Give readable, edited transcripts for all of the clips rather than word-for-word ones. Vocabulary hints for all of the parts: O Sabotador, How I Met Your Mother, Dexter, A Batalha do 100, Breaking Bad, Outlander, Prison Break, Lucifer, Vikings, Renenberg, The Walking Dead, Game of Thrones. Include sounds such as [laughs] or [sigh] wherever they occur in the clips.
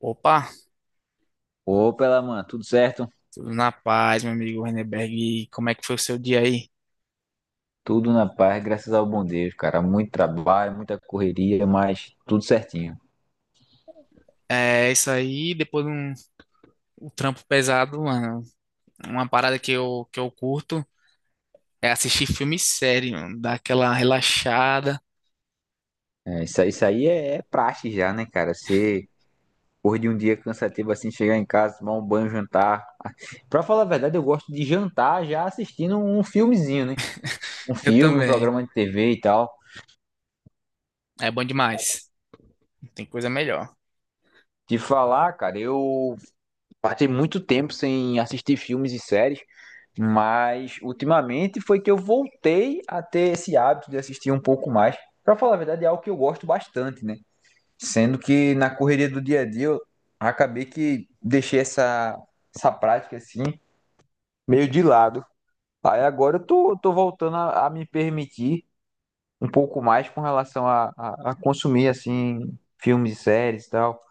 Opa, Opa, ela, mano, tudo certo? tudo na paz, meu amigo Renenberg. E como é que foi o seu dia aí? Tudo na paz, graças ao bom Deus, cara. Muito trabalho, muita correria, mas tudo certinho. É isso aí, depois de um trampo pesado, mano. Uma parada que eu curto é assistir filme sério, mano, dar aquela relaxada. Isso aí é praxe já, né, cara? Você, por de um dia cansativo assim, chegar em casa, tomar um banho, jantar. [laughs] Pra falar a verdade, eu gosto de jantar já assistindo um filmezinho, né? Um Eu filme, um também. programa de TV e tal. É bom demais. Não tem coisa melhor. De falar, cara, eu passei muito tempo sem assistir filmes e séries. Mas ultimamente foi que eu voltei a ter esse hábito de assistir um pouco mais. Pra falar a verdade, é algo que eu gosto bastante, né? Sendo que na correria do dia a dia eu acabei que deixei essa prática assim meio de lado. Aí agora eu tô voltando a me permitir um pouco mais com relação a consumir assim filmes e séries e tal.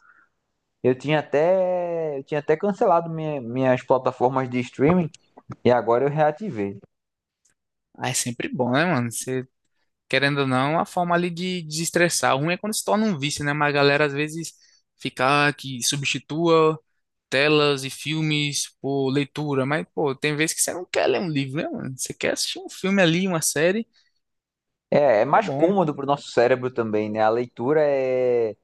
Eu tinha até cancelado minhas plataformas de streaming e agora eu reativei. Ah, é sempre bom, né, mano? Você querendo ou não, a forma ali de desestressar. O ruim é quando se torna um vício, né? Mas a galera às vezes fica ah, que substitua telas e filmes por leitura. Mas, pô, tem vezes que você não quer ler um livro, né, mano? Você quer assistir um filme ali, uma série, É, é é mais bom. cômodo para o nosso cérebro também, né? A leitura é,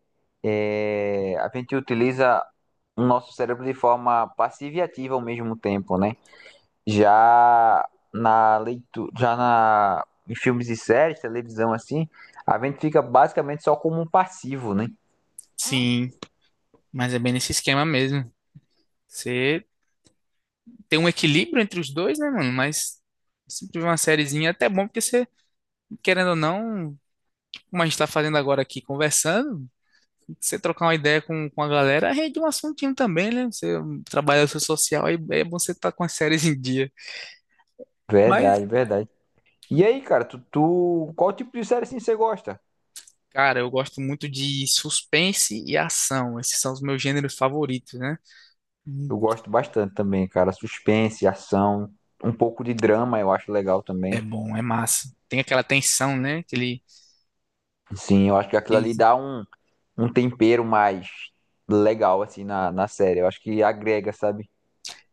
a gente utiliza o nosso cérebro de forma passiva e ativa ao mesmo tempo, né? Já na leitura, já em filmes e séries, televisão assim, a gente fica basicamente só como um passivo, né? Sim, mas é bem nesse esquema mesmo. Você tem um equilíbrio entre os dois, né, mano? Mas sempre uma sériezinha é até bom, porque você, querendo ou não, como a gente tá fazendo agora aqui, conversando, você trocar uma ideia com a galera, rende um assuntinho também, né? Você trabalha seu social, aí é bom você estar com as séries em dia. Mas, Verdade, verdade. E aí, cara, qual tipo de série assim você gosta? cara, eu gosto muito de suspense e ação. Esses são os meus gêneros favoritos, né? Hum. Eu gosto bastante também, cara. Suspense, ação, um pouco de drama eu acho legal É também. bom, é massa. Tem aquela tensão, né? Aquele, Sim, eu acho que aquilo ali e- dá um tempero mais legal, assim, na série. Eu acho que agrega, sabe?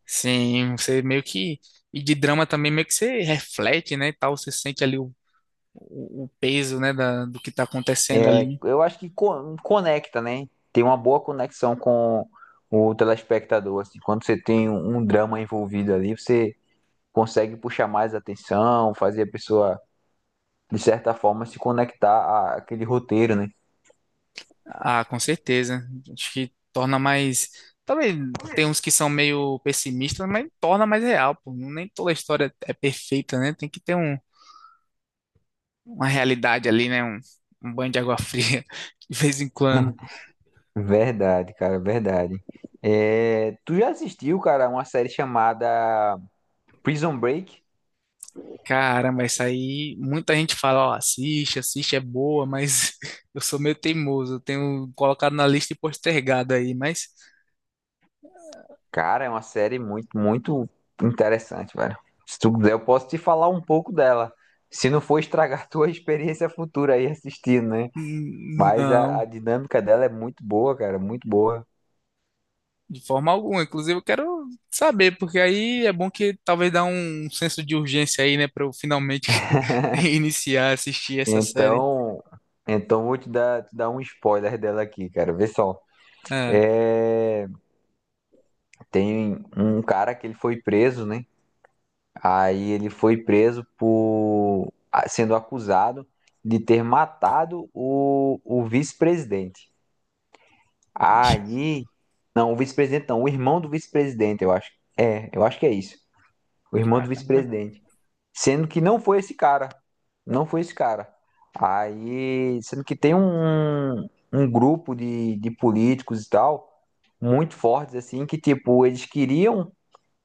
sim, você meio que. E de drama também, meio que você reflete, né? E tal, você sente ali o peso, né? Da, do que tá acontecendo É, ali. eu acho que conecta, né? Tem uma boa conexão com o telespectador, assim. Quando você tem um drama envolvido ali, você consegue puxar mais atenção, fazer a pessoa, de certa forma, se conectar àquele roteiro, né? Ah, com certeza. Acho que torna mais. Talvez tem uns que são meio pessimistas, mas torna mais real, pô. Nem toda história é perfeita, né? Tem que ter um, uma realidade ali, né? Um banho de água fria [laughs] de vez em quando. Verdade, cara, verdade. É, tu já assistiu, cara, uma série chamada Prison Break? Caramba, isso aí. Muita gente fala, ó, assiste, assiste, é boa, mas [laughs] eu sou meio teimoso. Eu tenho colocado na lista e postergado aí, mas Cara, é uma série muito, muito interessante, velho. Se tu quiser, eu posso te falar um pouco dela. Se não for estragar [laughs] tua experiência futura aí assistindo, né? Mas a não. dinâmica dela é muito boa, cara, muito boa. De forma alguma. Inclusive, eu quero saber, porque aí é bom que talvez dá um senso de urgência aí, né, para eu finalmente [laughs] iniciar a assistir essa série. Então, então vou te dar um spoiler dela aqui, cara. Vê só. Ah, É, tem um cara que ele foi preso, né? Aí ele foi preso por sendo acusado de ter matado o vice-presidente. ixi, Aí, não, o vice-presidente não, o irmão do vice-presidente, eu acho. É, eu acho que é isso. O irmão do caramba. vice-presidente. Sendo que não foi esse cara. Não foi esse cara. Aí, sendo que tem um grupo de políticos e tal, muito fortes, assim, que, tipo, eles queriam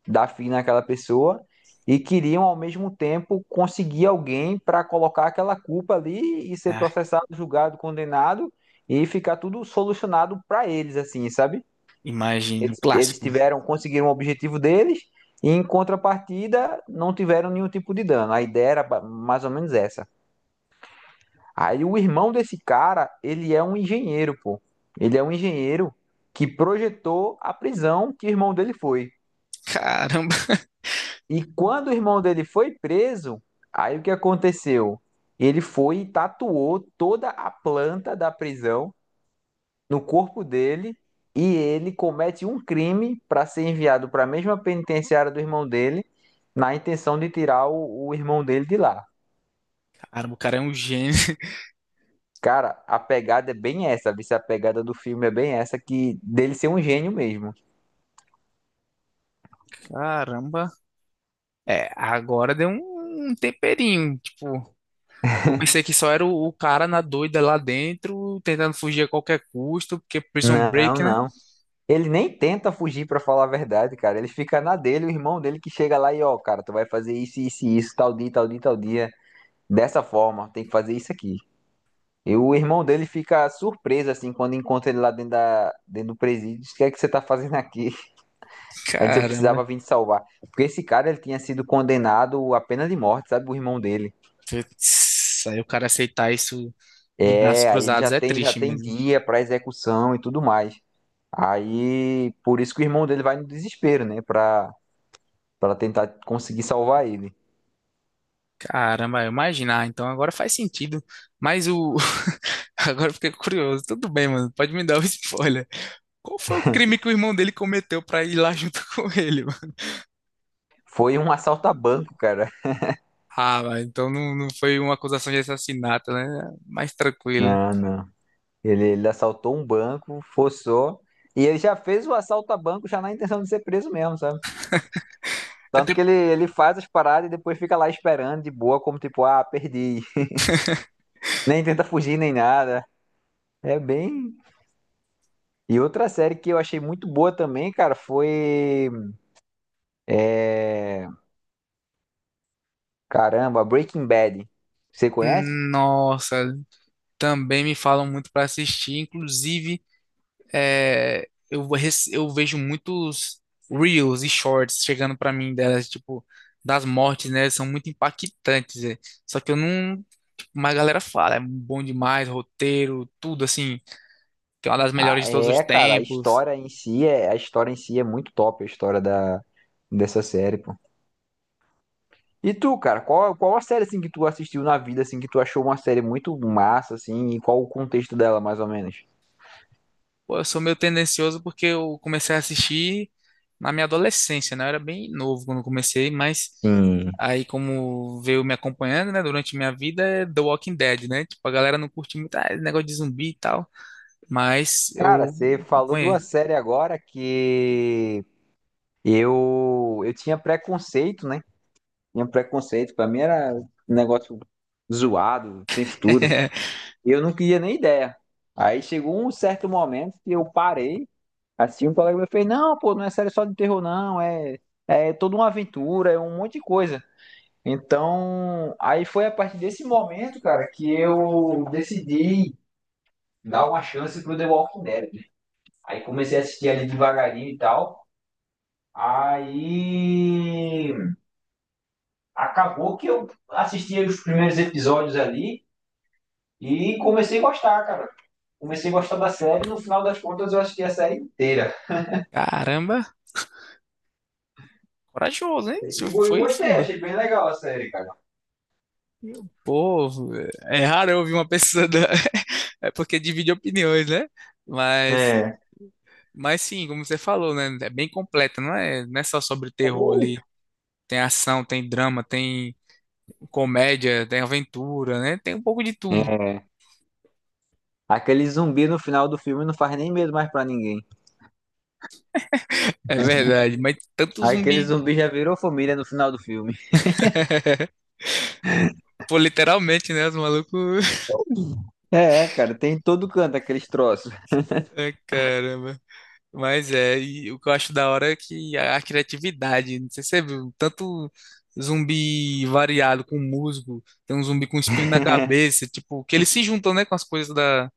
dar fim naquela pessoa e queriam, ao mesmo tempo, conseguir alguém para colocar aquela culpa ali e ser Ah, processado, julgado, condenado e ficar tudo solucionado para eles, assim, sabe? imagina, um Eles clássico. tiveram, conseguiram o objetivo deles e em contrapartida não tiveram nenhum tipo de dano. A ideia era mais ou menos essa. Aí o irmão desse cara, ele é um engenheiro, pô. Ele é um engenheiro que projetou a prisão que o irmão dele foi. Caramba. E quando o irmão dele foi preso, aí o que aconteceu? Ele foi e tatuou toda a planta da prisão no corpo dele e ele comete um crime para ser enviado para a mesma penitenciária do irmão dele, na intenção de tirar o irmão dele de lá. Caramba, o cara é um gênio. Cara, a pegada é bem essa, viu? A pegada do filme é bem essa, que dele ser um gênio mesmo. Caramba. É, agora deu um, um temperinho, tipo. Eu pensei que só era o cara na doida lá dentro, tentando fugir a qualquer custo, porque Prison Não, Break, né? não. Ele nem tenta fugir pra falar a verdade, cara. Ele fica na dele, o irmão dele que chega lá e, ó, cara, tu vai fazer isso, isso e isso, tal dia, tal dia, tal dia, dessa forma, tem que fazer isso aqui. E o irmão dele fica surpreso, assim, quando encontra ele lá dentro, dentro do presídio. Diz, o que é que você tá fazendo aqui? [laughs] Aí diz, eu precisava Caramba. vir te salvar. Porque esse cara, ele tinha sido condenado à pena de morte, sabe? O irmão dele. Putz, aí o cara aceitar isso de braços É, aí ele cruzados é já triste tem mesmo. dia pra execução e tudo mais. Aí, por isso que o irmão dele vai no desespero, né? Pra tentar conseguir salvar ele. Caramba, eu imaginar. Então agora faz sentido. Mas o. [laughs] Agora eu fiquei curioso. Tudo bem, mano. Pode me dar o spoiler. Qual foi o crime que o irmão dele cometeu pra ir lá junto [laughs] com ele, mano? Foi um [laughs] assalto a banco, cara. Ah, mas então não foi uma acusação de assassinato, né? Mais tranquilo. Não, não. Ele assaltou um banco, forçou. E ele já fez o assalto a banco já na intenção de ser preso mesmo, sabe? É Tanto que ele, tipo. ele faz as paradas e depois fica lá esperando de boa, como tipo, ah, perdi. [laughs] Nem tenta fugir nem nada. É bem. E outra série que eu achei muito boa também, cara, foi. é, Caramba, Breaking Bad. Você conhece? Nossa. Também me falam muito pra assistir. Inclusive, é, eu vejo muitos reels e shorts chegando pra mim delas, tipo, das mortes, né? São muito impactantes. É. Só que eu não. Tipo, mas a galera fala, é bom demais, roteiro, tudo assim, que é uma das Ah, melhores de todos os é, cara, a tempos. história em si é. A história em si é muito top, a história da... dessa série, pô. E tu, cara, qual a série assim que tu assistiu na vida, assim, que tu achou uma série muito massa, assim, e qual o contexto dela, mais ou menos? Pô, eu sou meio tendencioso porque eu comecei a assistir na minha adolescência, né? Eu era bem novo quando comecei, mas. Sim. Aí, como veio me acompanhando, né, durante minha vida, é The Walking Dead, né? Tipo, a galera não curte muito, ah, esse negócio de zumbi e tal. Mas Cara, eu você falou de uma acompanhei. série agora que eu tinha preconceito, né? Tinha preconceito, pra mim era um negócio zoado, tem futuro. [laughs] Eu não queria nem ideia. Aí chegou um certo momento que eu parei, assim, um colega meu fez, não, pô, não é série só de terror, não, é, é toda uma aventura, é um monte de coisa. Então, aí foi a partir desse momento, cara, que eu decidi dar uma chance pro The Walking Dead. Aí comecei a assistir ali devagarinho e tal. Aí acabou que eu assisti os primeiros episódios ali e comecei a gostar, cara. Comecei a gostar da série, no final das contas eu assisti a série inteira. Caramba, corajoso, hein? E Isso eu foi gostei, fundo. achei bem legal a série, cara. Pô, é raro eu ouvir uma pessoa. Da- [laughs] é porque divide opiniões, né? Mas, É. mas sim, como você falou, né? É bem completa, não é só sobre Tá terror bom. ali. Tem ação, tem drama, tem comédia, tem aventura, né? Tem um pouco de tudo. É. Aquele zumbi no final do filme não faz nem medo mais pra ninguém. É verdade, mas tanto Aquele zumbi. zumbi já virou família no final do filme. [laughs] Pô, literalmente, né? Os malucos. É, cara, tem em todo canto aqueles troços. [laughs] Ai, caramba. Mas é, e o que eu acho da hora é que a criatividade, não sei se você viu, tanto zumbi variado com musgo, tem um zumbi com espinho na cabeça, tipo, que eles se juntam, né, com as coisas da,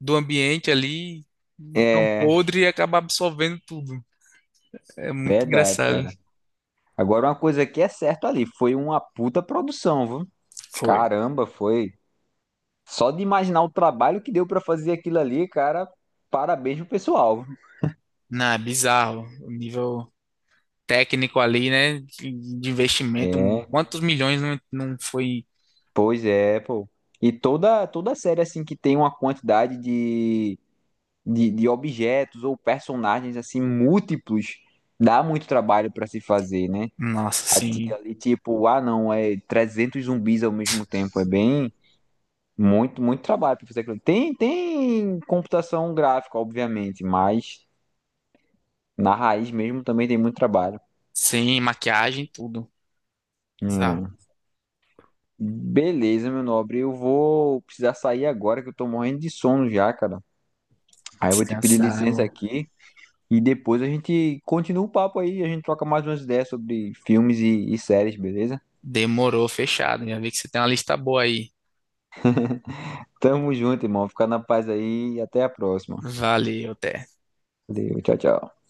do ambiente ali, tão É, podre e acaba absorvendo tudo. É muito verdade, engraçado. cara. Agora uma coisa que é certa ali, foi uma puta produção, viu? Foi. Caramba, foi. Só de imaginar o trabalho que deu pra fazer aquilo ali, cara, parabéns pro pessoal. Não, é bizarro. O nível técnico ali, né, de investimento, É, quantos milhões não, não foi, pois é, pô. E toda série assim que tem uma quantidade de objetos ou personagens assim múltiplos, dá muito trabalho pra se fazer, né? nossa, A tia assim, ali tipo, ah não, é 300 zumbis ao mesmo tempo, é bem muito trabalho pra fazer aquilo. Tem computação gráfica, obviamente, mas na raiz mesmo também tem muito trabalho. sem maquiagem, tudo. Bizarro. Hum. Beleza, meu nobre. Eu vou precisar sair agora que eu tô morrendo de sono já, cara. Aí eu vou te pedir Descansar. licença aqui e depois a gente continua o papo aí. A gente troca mais umas ideias sobre filmes e séries, beleza? Demorou, fechado. Já vi que você tem uma lista boa aí. Tamo junto, irmão. Fica na paz aí e até a próxima. Valeu, até. Valeu, tchau, tchau.